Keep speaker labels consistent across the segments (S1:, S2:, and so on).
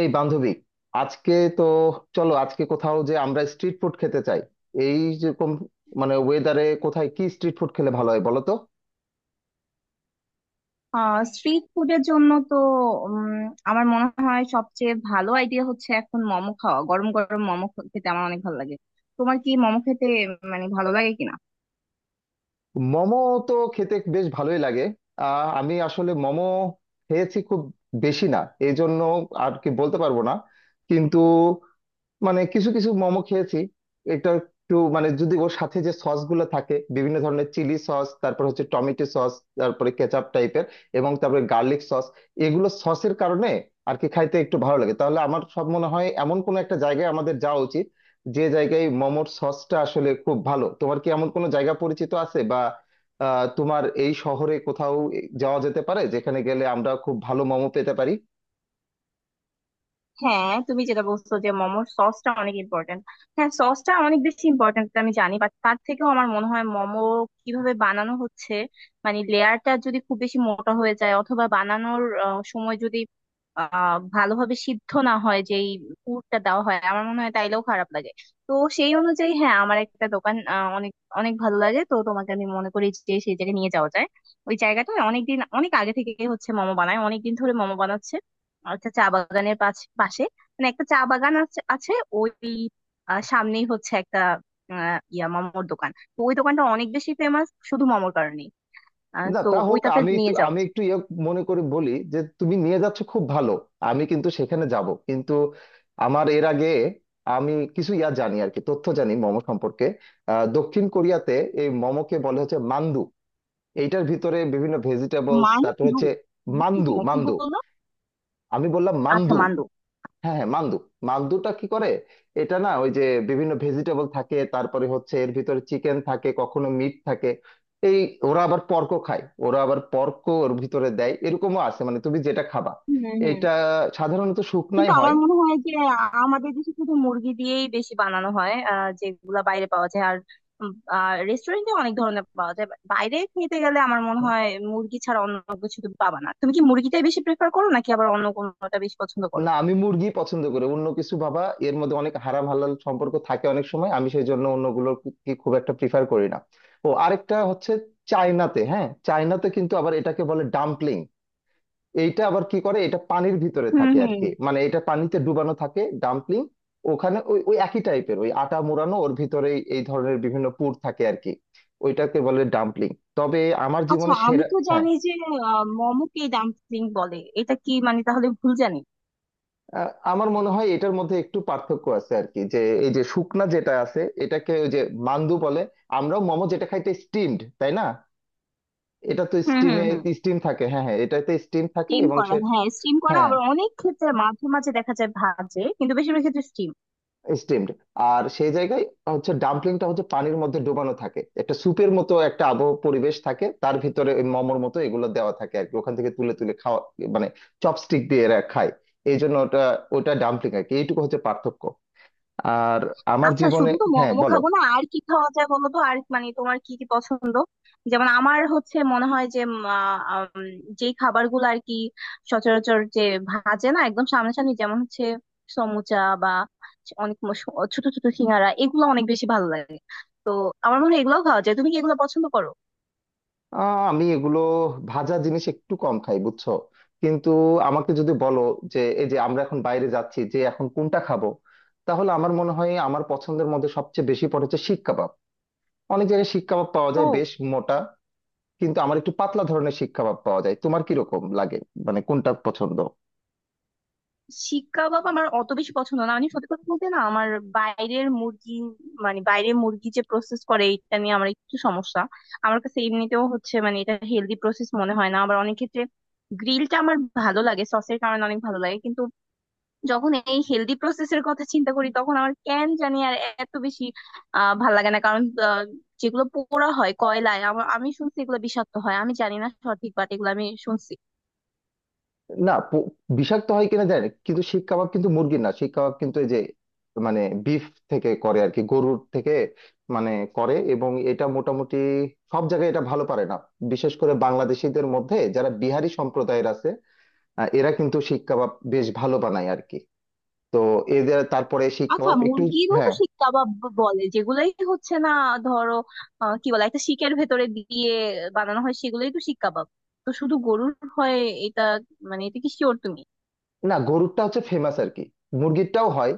S1: এই বান্ধবী, আজকে তো চলো আজকে কোথাও যে আমরা স্ট্রিট ফুড খেতে চাই। এই যেরকম, মানে ওয়েদারে কোথায় কি স্ট্রিট ফুড খেলে ভালো হয় বলো তো।
S2: স্ট্রিট ফুডের জন্য তো উম, আমার মনে হয় সবচেয়ে ভালো আইডিয়া হচ্ছে এখন মোমো খাওয়া। গরম গরম মোমো খেতে আমার অনেক ভালো লাগে। তোমার কি মোমো খেতে মানে ভালো লাগে কিনা?
S1: মোমো তো খেতে বেশ ভালোই লাগে। আমি আসলে মোমো খেয়েছি খুব বেশি না, এই জন্য আর কি বলতে পারবো না। কিন্তু মানে কিছু কিছু মোমো খেয়েছি। এটা একটু মানে যদি ওর সাথে যে সস গুলো থাকে, বিভিন্ন ধরনের চিলি সস, তারপর হচ্ছে টমেটো সস, তারপরে কেচাপ টাইপের, এবং তারপরে গার্লিক সস, এগুলো সসের কারণে আর কি খাইতে একটু ভালো লাগে। তাহলে আমার সব মনে হয় এমন কোনো একটা জায়গায় আমাদের যাওয়া উচিত যে জায়গায় মোমোর সসটা আসলে খুব ভালো। তোমার কি এমন কোনো জায়গা পরিচিত আছে বা তোমার এই শহরে কোথাও যাওয়া যেতে পারে যেখানে গেলে আমরা খুব ভালো মোমো পেতে পারি?
S2: হ্যাঁ, তুমি যেটা বলছো যে মোমোর সসটা অনেক ইম্পর্টেন্ট। হ্যাঁ সসটা অনেক বেশি ইম্পর্টেন্ট আমি জানি, বাট তার থেকেও আমার মনে হয় মোমো কিভাবে বানানো হচ্ছে। মানে লেয়ারটা যদি খুব বেশি মোটা হয়ে যায় অথবা বানানোর সময় যদি ভালোভাবে সিদ্ধ না হয় যেই পুরটা দেওয়া হয়, আমার মনে হয় তাইলেও খারাপ লাগে। তো সেই অনুযায়ী হ্যাঁ, আমার একটা দোকান অনেক অনেক ভালো লাগে, তো তোমাকে আমি মনে করি যে সেই জায়গায় নিয়ে যাওয়া যায়। ওই জায়গাটায় অনেকদিন অনেক আগে থেকে হচ্ছে মোমো বানায়, অনেকদিন ধরে মোমো বানাচ্ছে। একটা চা বাগানের পাশে, মানে একটা চা বাগান আছে আছে ওই, সামনেই হচ্ছে একটা আহ, ইয়া মামোর দোকান। তো ওই দোকানটা অনেক বেশি ফেমাস শুধু মামোর কারণে,
S1: না
S2: তো
S1: তা হোক,
S2: ওইটাতে
S1: আমি তো
S2: নিয়ে যাওয়া
S1: আমি
S2: উচিত।
S1: একটু মনে করে বলি যে তুমি নিয়ে যাচ্ছ, খুব ভালো। আমি কিন্তু সেখানে যাব, কিন্তু আমার এর আগে আমি কিছু জানি আর কি, তথ্য জানি মোমো সম্পর্কে। দক্ষিণ কোরিয়াতে এই মোমোকে বলে হচ্ছে মান্দু। এইটার ভিতরে বিভিন্ন ভেজিটেবলস তারপর
S2: মান্দু?
S1: হচ্ছে মান্দু।
S2: বুঝতেছি না কি
S1: মান্দু
S2: বললো।
S1: আমি বললাম,
S2: আচ্ছা
S1: মান্দু।
S2: মান্দু।
S1: হ্যাঁ হ্যাঁ, মান্দু। মান্দুটা কি করে, এটা না ওই যে বিভিন্ন ভেজিটেবল থাকে, তারপরে হচ্ছে এর ভিতরে চিকেন থাকে, কখনো মিট থাকে। এই, ওরা আবার পর্ক খায়, ওরা আবার পর্ক ওর ভিতরে দেয়, এরকমও আছে মানে তুমি যেটা খাবা।
S2: হুম হুম।
S1: এটা সাধারণত শুকনাই
S2: কিন্তু আমার
S1: হয়।
S2: মনে হয় যে আমাদের দেশে শুধু মুরগি দিয়েই বেশি বানানো হয় যেগুলা বাইরে পাওয়া যায়। আর রেস্টুরেন্টে অনেক ধরনের পাওয়া যায়, বাইরে খেতে গেলে আমার মনে হয় মুরগি ছাড়া অন্য কিছু তুমি পাবা না। তুমি কি মুরগিটাই বেশি প্রেফার করো নাকি আবার অন্য কোনোটা বেশি পছন্দ করো?
S1: না, আমি মুরগি পছন্দ করি অন্য কিছু বাবা এর মধ্যে অনেক হারাম হালাল সম্পর্ক থাকে অনেক সময়, আমি সেই জন্য অন্যগুলোর কি খুব একটা প্রিফার করি না। ও আরেকটা হচ্ছে চায়নাতে, হ্যাঁ চায়নাতে কিন্তু আবার এটাকে বলে ডাম্পলিং। এইটা আবার কি করে, এটা পানির ভিতরে
S2: হুম
S1: থাকে আর
S2: হুম।
S1: কি, মানে এটা পানিতে ডুবানো থাকে ডাম্পলিং। ওখানে ওই ওই একই টাইপের ওই আটা মোড়ানো ওর ভিতরে এই ধরনের বিভিন্ন পুর থাকে আর কি, ওইটাকে বলে ডাম্পলিং। তবে আমার
S2: আচ্ছা
S1: জীবনে
S2: আমি
S1: সেরা।
S2: তো
S1: হ্যাঁ,
S2: জানি যে মোমোকে ডাম্পলিং বলে, এটা কি মানে তাহলে ভুল জানি?
S1: আমার মনে হয় এটার মধ্যে একটু পার্থক্য আছে আর কি, যে এই যে শুকনা যেটা আছে এটাকে ওই যে মান্দু বলে। আমরাও মোমো যেটা খাইতে স্টিমড, তাই না? এটা তো
S2: হুম হুম
S1: স্টিমে,
S2: হুম।
S1: স্টিম থাকে, হ্যাঁ হ্যাঁ এটাতে স্টিম থাকে
S2: স্টিম
S1: এবং
S2: করা,
S1: সে
S2: হ্যাঁ স্টিম করা।
S1: হ্যাঁ,
S2: আবার অনেক ক্ষেত্রে মাঝে মাঝে দেখা যায় ভাজে, কিন্তু বেশিরভাগ ক্ষেত্রে স্টিম।
S1: স্টিমড। আর সেই জায়গায় হচ্ছে ডাম্পলিংটা হচ্ছে পানির মধ্যে ডোবানো থাকে, একটা স্যুপের মতো একটা আবহ পরিবেশ থাকে, তার ভিতরে ওই মোমোর মতো এগুলো দেওয়া থাকে আর কি, ওখান থেকে তুলে তুলে খাওয়া, মানে চপস্টিক দিয়ে এরা খায়। এই জন্য ওটা, ওটা ডাম্পলিং আর কি, এইটুকু হচ্ছে পার্থক্য। আর আমার
S2: আচ্ছা
S1: জীবনে,
S2: শুধু তো
S1: হ্যাঁ
S2: মোমো
S1: বলো।
S2: খাবো না, আর কি খাওয়া যায় বলো তো? আর মানে তোমার কি কি পছন্দ? যেমন আমার হচ্ছে মনে হয় যে যে খাবারগুলো আর কি সচরাচর যে ভাজে না একদম সামনাসামনি, যেমন হচ্ছে সমুচা বা অনেক ছোট ছোট সিঙ্গারা, এগুলো অনেক বেশি ভালো লাগে। তো আমার মনে হয় এগুলোও খাওয়া যায়। তুমি কি এগুলো পছন্দ করো?
S1: আমি এগুলো ভাজা জিনিস একটু কম খাই, বুঝছো? কিন্তু আমাকে যদি বলো যে এই যে আমরা এখন বাইরে যাচ্ছি, যে এখন কোনটা খাবো, তাহলে আমার মনে হয় আমার পছন্দের মধ্যে সবচেয়ে বেশি পড়েছে শিক কাবাব। অনেক জায়গায় শিক কাবাব পাওয়া যায়
S2: ও,
S1: বেশ মোটা, কিন্তু আমার একটু পাতলা ধরনের শিক কাবাব পাওয়া যায়। তোমার কি রকম লাগে, মানে কোনটা পছন্দ?
S2: শিক কাবাব আমার অত বেশি পছন্দ না, মানে সত্যি কথা বলতে না। আমার বাইরের মুরগি মানে বাইরের মুরগি যে প্রসেস করে এটা নিয়ে আমার একটু সমস্যা। আমার কাছে এমনিতেও হচ্ছে মানে এটা হেলদি প্রসেস মনে হয় না। আবার অনেক ক্ষেত্রে গ্রিলটা আমার ভালো লাগে সসের কারণে অনেক ভালো লাগে, কিন্তু যখন এই হেলদি প্রসেসের কথা চিন্তা করি তখন আমার কেন জানি আর এত বেশি ভালো লাগে না। কারণ যেগুলো পোড়া হয় কয়লায়, আমি শুনছি এগুলো বিষাক্ত হয়। আমি জানি না সঠিক, বাট এগুলো আমি শুনছি।
S1: না প- বিষাক্ত হয় কিনা জানি না, কিন্তু শিক কাবাব কিন্তু মুরগির না, শিক কাবাব কিন্তু এই যে মানে বিফ থেকে করে আর কি, গরুর থেকে মানে করে, এবং এটা মোটামুটি সব জায়গায় এটা ভালো পারে না। বিশেষ করে বাংলাদেশিদের মধ্যে যারা বিহারি সম্প্রদায়ের আছে, এরা কিন্তু শিক কাবাব বেশ ভালো বানায় আর কি। তো এদের তারপরে শিক
S2: আচ্ছা
S1: কাবাব একটু।
S2: মুরগিরও তো
S1: হ্যাঁ,
S2: শিক কাবাব বলে যেগুলাই হচ্ছে না? ধরো কি বলে একটা শিকের ভেতরে দিয়ে বানানো হয় সেগুলোই তো শিক কাবাব। তো শুধু গরুর হয় এটা, মানে এটা কি শিওর তুমি?
S1: না গরুরটা হচ্ছে ফেমাস আর কি, মুরগিরটাও হয়।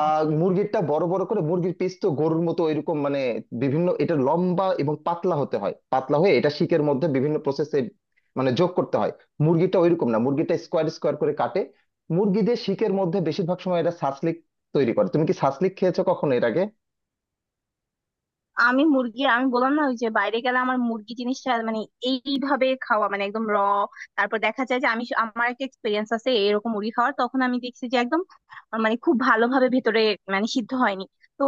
S1: মুরগিরটা বড় বড় করে মুরগির পিস তো গরুর মতো, এরকম মানে বিভিন্ন এটা লম্বা এবং পাতলা হতে হয়, পাতলা হয়ে এটা শিকের মধ্যে বিভিন্ন প্রসেসে মানে যোগ করতে হয়। মুরগিটা ওইরকম না, মুরগিটা স্কোয়ার স্কোয়ার করে কাটে। মুরগিদের শিকের মধ্যে বেশিরভাগ সময় এটা সাসলিক তৈরি করে। তুমি কি সাসলিক খেয়েছো কখনো এর আগে?
S2: আমি মুরগি, আমি বললাম না ওই যে বাইরে গেলে আমার মুরগি জিনিসটা মানে এইভাবে খাওয়া মানে একদম র, তারপর দেখা যায় যে আমি আমার একটা এক্সপিরিয়েন্স আছে এরকম মুরগি খাওয়ার, তখন আমি দেখছি যে একদম মানে খুব ভালোভাবে ভেতরে মানে সিদ্ধ হয়নি। তো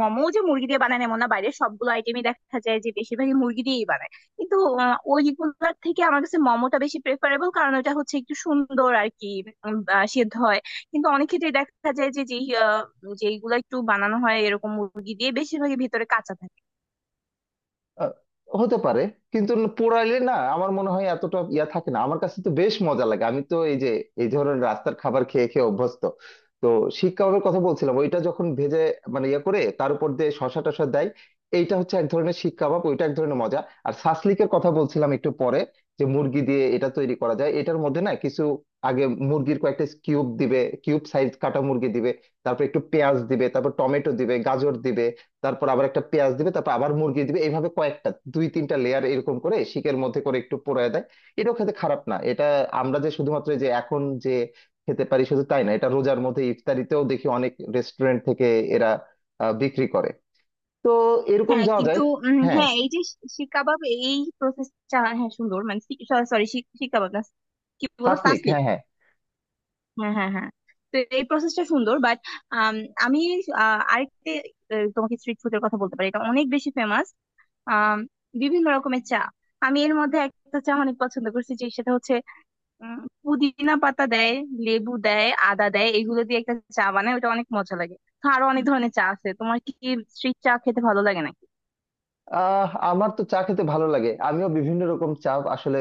S2: মোমো যে মুরগি দিয়ে বানায় এমন না, বাইরের সবগুলো আইটেমই দেখা যায় যে বেশিরভাগই মুরগি দিয়েই বানায়। কিন্তু ওইগুলোর থেকে আমার কাছে মোমোটা বেশি প্রেফারেবল, কারণ ওটা হচ্ছে একটু সুন্দর আর কি সিদ্ধ হয়। কিন্তু অনেক ক্ষেত্রে দেখা যায় যে যে যেইগুলো একটু বানানো হয় এরকম মুরগি দিয়ে, বেশিরভাগই ভিতরে কাঁচা থাকে।
S1: আহ, হতে পারে। কিন্তু পোড়াইলে না আমার মনে হয় এতটা থাকে না, আমার কাছে তো বেশ মজা লাগে। আমি তো এই যে এই ধরনের রাস্তার কাবার খেয়ে খেয়ে অভ্যস্ত। তো শিক কাবাবের কথা বলছিলাম, ওইটা যখন ভেজে মানে করে, তার উপর দিয়ে শসা টসা দেয়, এইটা হচ্ছে এক ধরনের শিক কাবাব, ওইটা এক ধরনের মজা। আর সাসলিকের কথা বলছিলাম একটু পরে, যে মুরগি দিয়ে এটা তৈরি করা যায়। এটার মধ্যে না কিছু আগে মুরগির কয়েকটা কিউব দিবে, কিউব সাইজ কাটা মুরগি দিবে, তারপর একটু পেঁয়াজ দিবে, তারপর টমেটো দিবে, গাজর দিবে, তারপর আবার একটা পেঁয়াজ দিবে, তারপর আবার মুরগি দিবে, এইভাবে কয়েকটা দুই তিনটা লেয়ার এরকম করে শিকের মধ্যে করে একটু পোড়ায় দেয়। এটাও খেতে খারাপ না। এটা আমরা যে শুধুমাত্র এই যে এখন যে খেতে পারি শুধু তাই না, এটা রোজার মধ্যে ইফতারিতেও দেখি অনেক রেস্টুরেন্ট থেকে এরা বিক্রি করে। তো এরকম
S2: হ্যাঁ
S1: যাওয়া যায়।
S2: কিন্তু
S1: হ্যাঁ
S2: হ্যাঁ এই যে শিক কাবাব, এই প্রসেসটা হ্যাঁ সুন্দর মানে সরি, শিক কাবাব না, কি বলো
S1: সাসলিক,
S2: সাসলিক,
S1: হ্যাঁ হ্যাঁ।
S2: হ্যাঁ হ্যাঁ হ্যাঁ, তো এই প্রসেসটা সুন্দর বাট আমি আরেকটা তোমাকে স্ট্রিট ফুডের কথা বলতে পারি, এটা অনেক বেশি ফেমাস বিভিন্ন রকমের চা। আমি এর মধ্যে একটা চা অনেক পছন্দ করছি যে সেটা হচ্ছে উম, পুদিনা পাতা দেয়, লেবু দেয়, আদা দেয়, এগুলো দিয়ে একটা চা বানায়, ওটা অনেক মজা লাগে। তো আরো অনেক ধরনের চা আছে। তোমার কি স্ট্রিট চা খেতে ভালো লাগে নাকি?
S1: আমার তো চা খেতে ভালো লাগে, আমিও বিভিন্ন রকম চা আসলে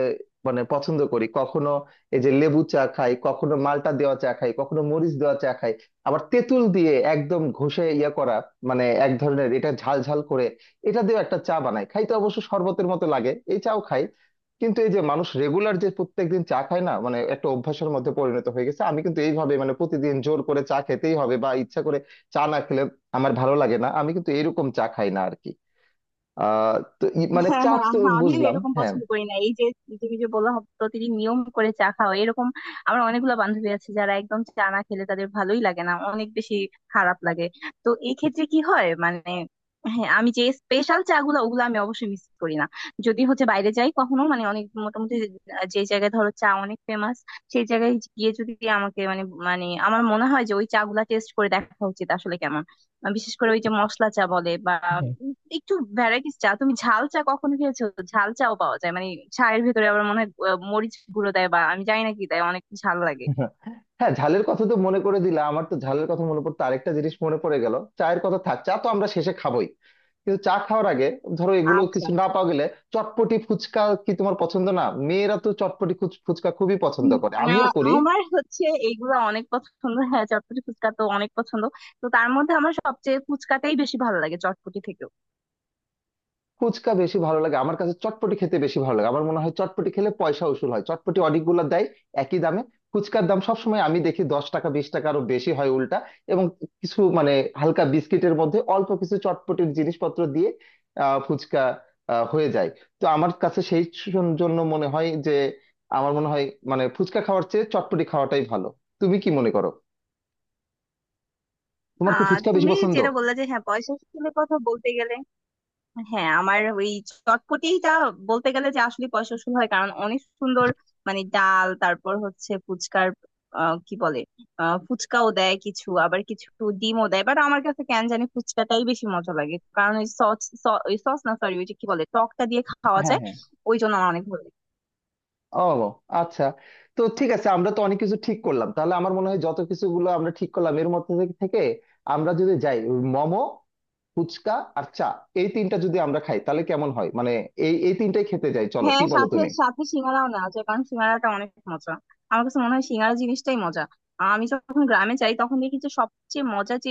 S1: মানে পছন্দ করি। কখনো এই যে লেবু চা খাই, কখনো মালটা দেওয়া চা খাই, কখনো মরিচ দেওয়া চা খাই। আবার তেঁতুল দিয়ে একদম ঘষে করা, মানে এক ধরনের এটা ঝাল ঝাল করে এটা দিয়ে একটা চা বানাই, খাইতে অবশ্য শরবতের মতো লাগে, এই চাও খাই। কিন্তু এই যে মানুষ রেগুলার যে প্রত্যেকদিন চা খায় না মানে একটা অভ্যাসের মধ্যে পরিণত হয়ে গেছে, আমি কিন্তু এইভাবে মানে প্রতিদিন জোর করে চা খেতেই হবে বা ইচ্ছা করে চা না খেলে আমার ভালো লাগে না, আমি কিন্তু এরকম চা খাই না আর কি। আহ তো মানে
S2: হ্যাঁ
S1: চাঁদ
S2: হ্যাঁ
S1: তো
S2: আহা, আমিও
S1: বুঝলাম,
S2: এরকম
S1: হ্যাঁ।
S2: পছন্দ করি না। এই যে তুমি যে বললা প্রতিদিন নিয়ম করে চা খাও এরকম, আমার অনেকগুলো বান্ধবী আছে যারা একদম চা না খেলে তাদের ভালোই লাগে না, অনেক বেশি খারাপ লাগে। তো এই ক্ষেত্রে কি হয় মানে হ্যাঁ, আমি যে স্পেশাল চা গুলো ওগুলো আমি অবশ্যই মিস করি না যদি হচ্ছে বাইরে যাই কখনো। মানে অনেক মোটামুটি যে জায়গায় ধরো চা অনেক ফেমাস, সেই জায়গায় গিয়ে যদি আমাকে মানে মানে আমার মনে হয় যে ওই চা গুলা টেস্ট করে দেখা উচিত আসলে কেমন। বিশেষ করে ওই যে মশলা চা বলে বা একটু ভ্যারাইটিস চা। তুমি ঝাল চা কখনো খেয়েছো? ঝাল চাও পাওয়া যায় মানে চায়ের ভেতরে আবার মনে হয় মরিচ গুঁড়ো দেয় বা আমি জানি না কি দেয়, অনেক ঝাল লাগে।
S1: হ্যাঁ, ঝালের কথা তো মনে করে দিলা, আমার তো ঝালের কথা মনে পড়তো আরেকটা জিনিস মনে পড়ে গেল চায়ের কথা। থাক, চা তো আমরা শেষে খাবোই, কিন্তু চা খাওয়ার আগে ধরো এগুলো
S2: আচ্ছা
S1: কিছু না পাওয়া গেলে চটপটি ফুচকা কি তোমার পছন্দ না? মেয়েরা তো চটপটি ফুচকা খুবই পছন্দ
S2: উম,
S1: করে,
S2: আহ,
S1: আমিও করি।
S2: আমার হচ্ছে এইগুলো অনেক পছন্দ হ্যাঁ, চটপটি ফুচকা তো অনেক পছন্দ। তো তার মধ্যে আমার সবচেয়ে ফুচকাটাই বেশি ভালো লাগে, চটপটি থেকেও।
S1: ফুচকা বেশি ভালো লাগে, আমার কাছে চটপটি খেতে বেশি ভালো লাগে। আমার মনে হয় চটপটি খেলে পয়সা উসুল হয়, চটপটি অনেকগুলো দেয় একই দামে। ফুচকার দাম সবসময় আমি দেখি 10 টাকা, 20 টাকা, আরো বেশি হয় উল্টা। এবং কিছু মানে হালকা বিস্কিটের মধ্যে অল্প কিছু চটপটির জিনিসপত্র দিয়ে ফুচকা হয়ে যায়। তো আমার কাছে সেই জন্য মনে হয় যে আমার মনে হয় মানে ফুচকা খাওয়ার চেয়ে চটপটি খাওয়াটাই ভালো। তুমি কি মনে করো, তোমার কি ফুচকা বেশি
S2: তুমি
S1: পছন্দ?
S2: যেটা বললা যে হ্যাঁ পয়সা শুনে কথা বলতে গেলে, হ্যাঁ আমার ওই চটপটিটা বলতে গেলে যে আসলে পয়সা উসুল হয় কারণ অনেক সুন্দর মানে ডাল, তারপর হচ্ছে ফুচকার কি বলে ফুচকাও দেয় কিছু, আবার কিছু ডিমও দেয়। বাট আমার কাছে কেন জানি ফুচকাটাই বেশি মজা লাগে, কারণ ওই সস, ওই সস না সরি, ওই যে কি বলে টকটা দিয়ে খাওয়া
S1: হ্যাঁ
S2: যায়,
S1: হ্যাঁ।
S2: ওই জন্য আমার অনেক ভালো লাগে।
S1: ও আচ্ছা। তো ঠিক আছে, আমরা তো অনেক কিছু ঠিক করলাম। তাহলে আমার মনে হয় যত কিছুগুলো আমরা ঠিক করলাম এর মধ্যে থেকে থেকে আমরা যদি যাই ওই মোমো, ফুচকা আর চা, এই তিনটা যদি আমরা খাই তাহলে কেমন হয়, মানে এই এই তিনটাই খেতে যাই, চলো, কি
S2: হ্যাঁ
S1: বলো
S2: সাথে
S1: তুমি?
S2: সাথে সিঙ্গারাও না আছে, কারণ সিঙ্গারাটা অনেক মজা। আমার কাছে মনে হয় সিঙ্গারা জিনিসটাই মজা। আমি যখন গ্রামে যাই তখন দেখি যে সবচেয়ে মজা যে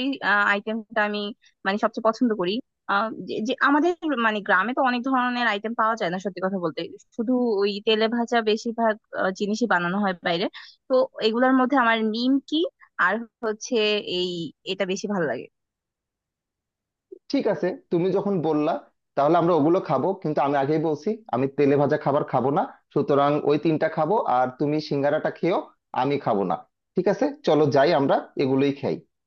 S2: আইটেমটা আমি মানে সবচেয়ে পছন্দ করি, যে যে আমাদের মানে গ্রামে তো অনেক ধরনের আইটেম পাওয়া যায় না সত্যি কথা বলতে, শুধু ওই তেলে ভাজা বেশিরভাগ জিনিসই বানানো হয় বাইরে। তো এগুলোর মধ্যে আমার নিমকি আর হচ্ছে এই এটা বেশি ভালো লাগে।
S1: ঠিক আছে, তুমি যখন বললা তাহলে আমরা ওগুলো খাবো, কিন্তু আমি আগেই বলছি আমি তেলে ভাজা খাবার খাবো না। সুতরাং ওই তিনটা খাবো, আর তুমি সিঙ্গারাটা খেয়েও আমি খাবো না। ঠিক আছে, চলো যাই আমরা, এগুলোই খাই।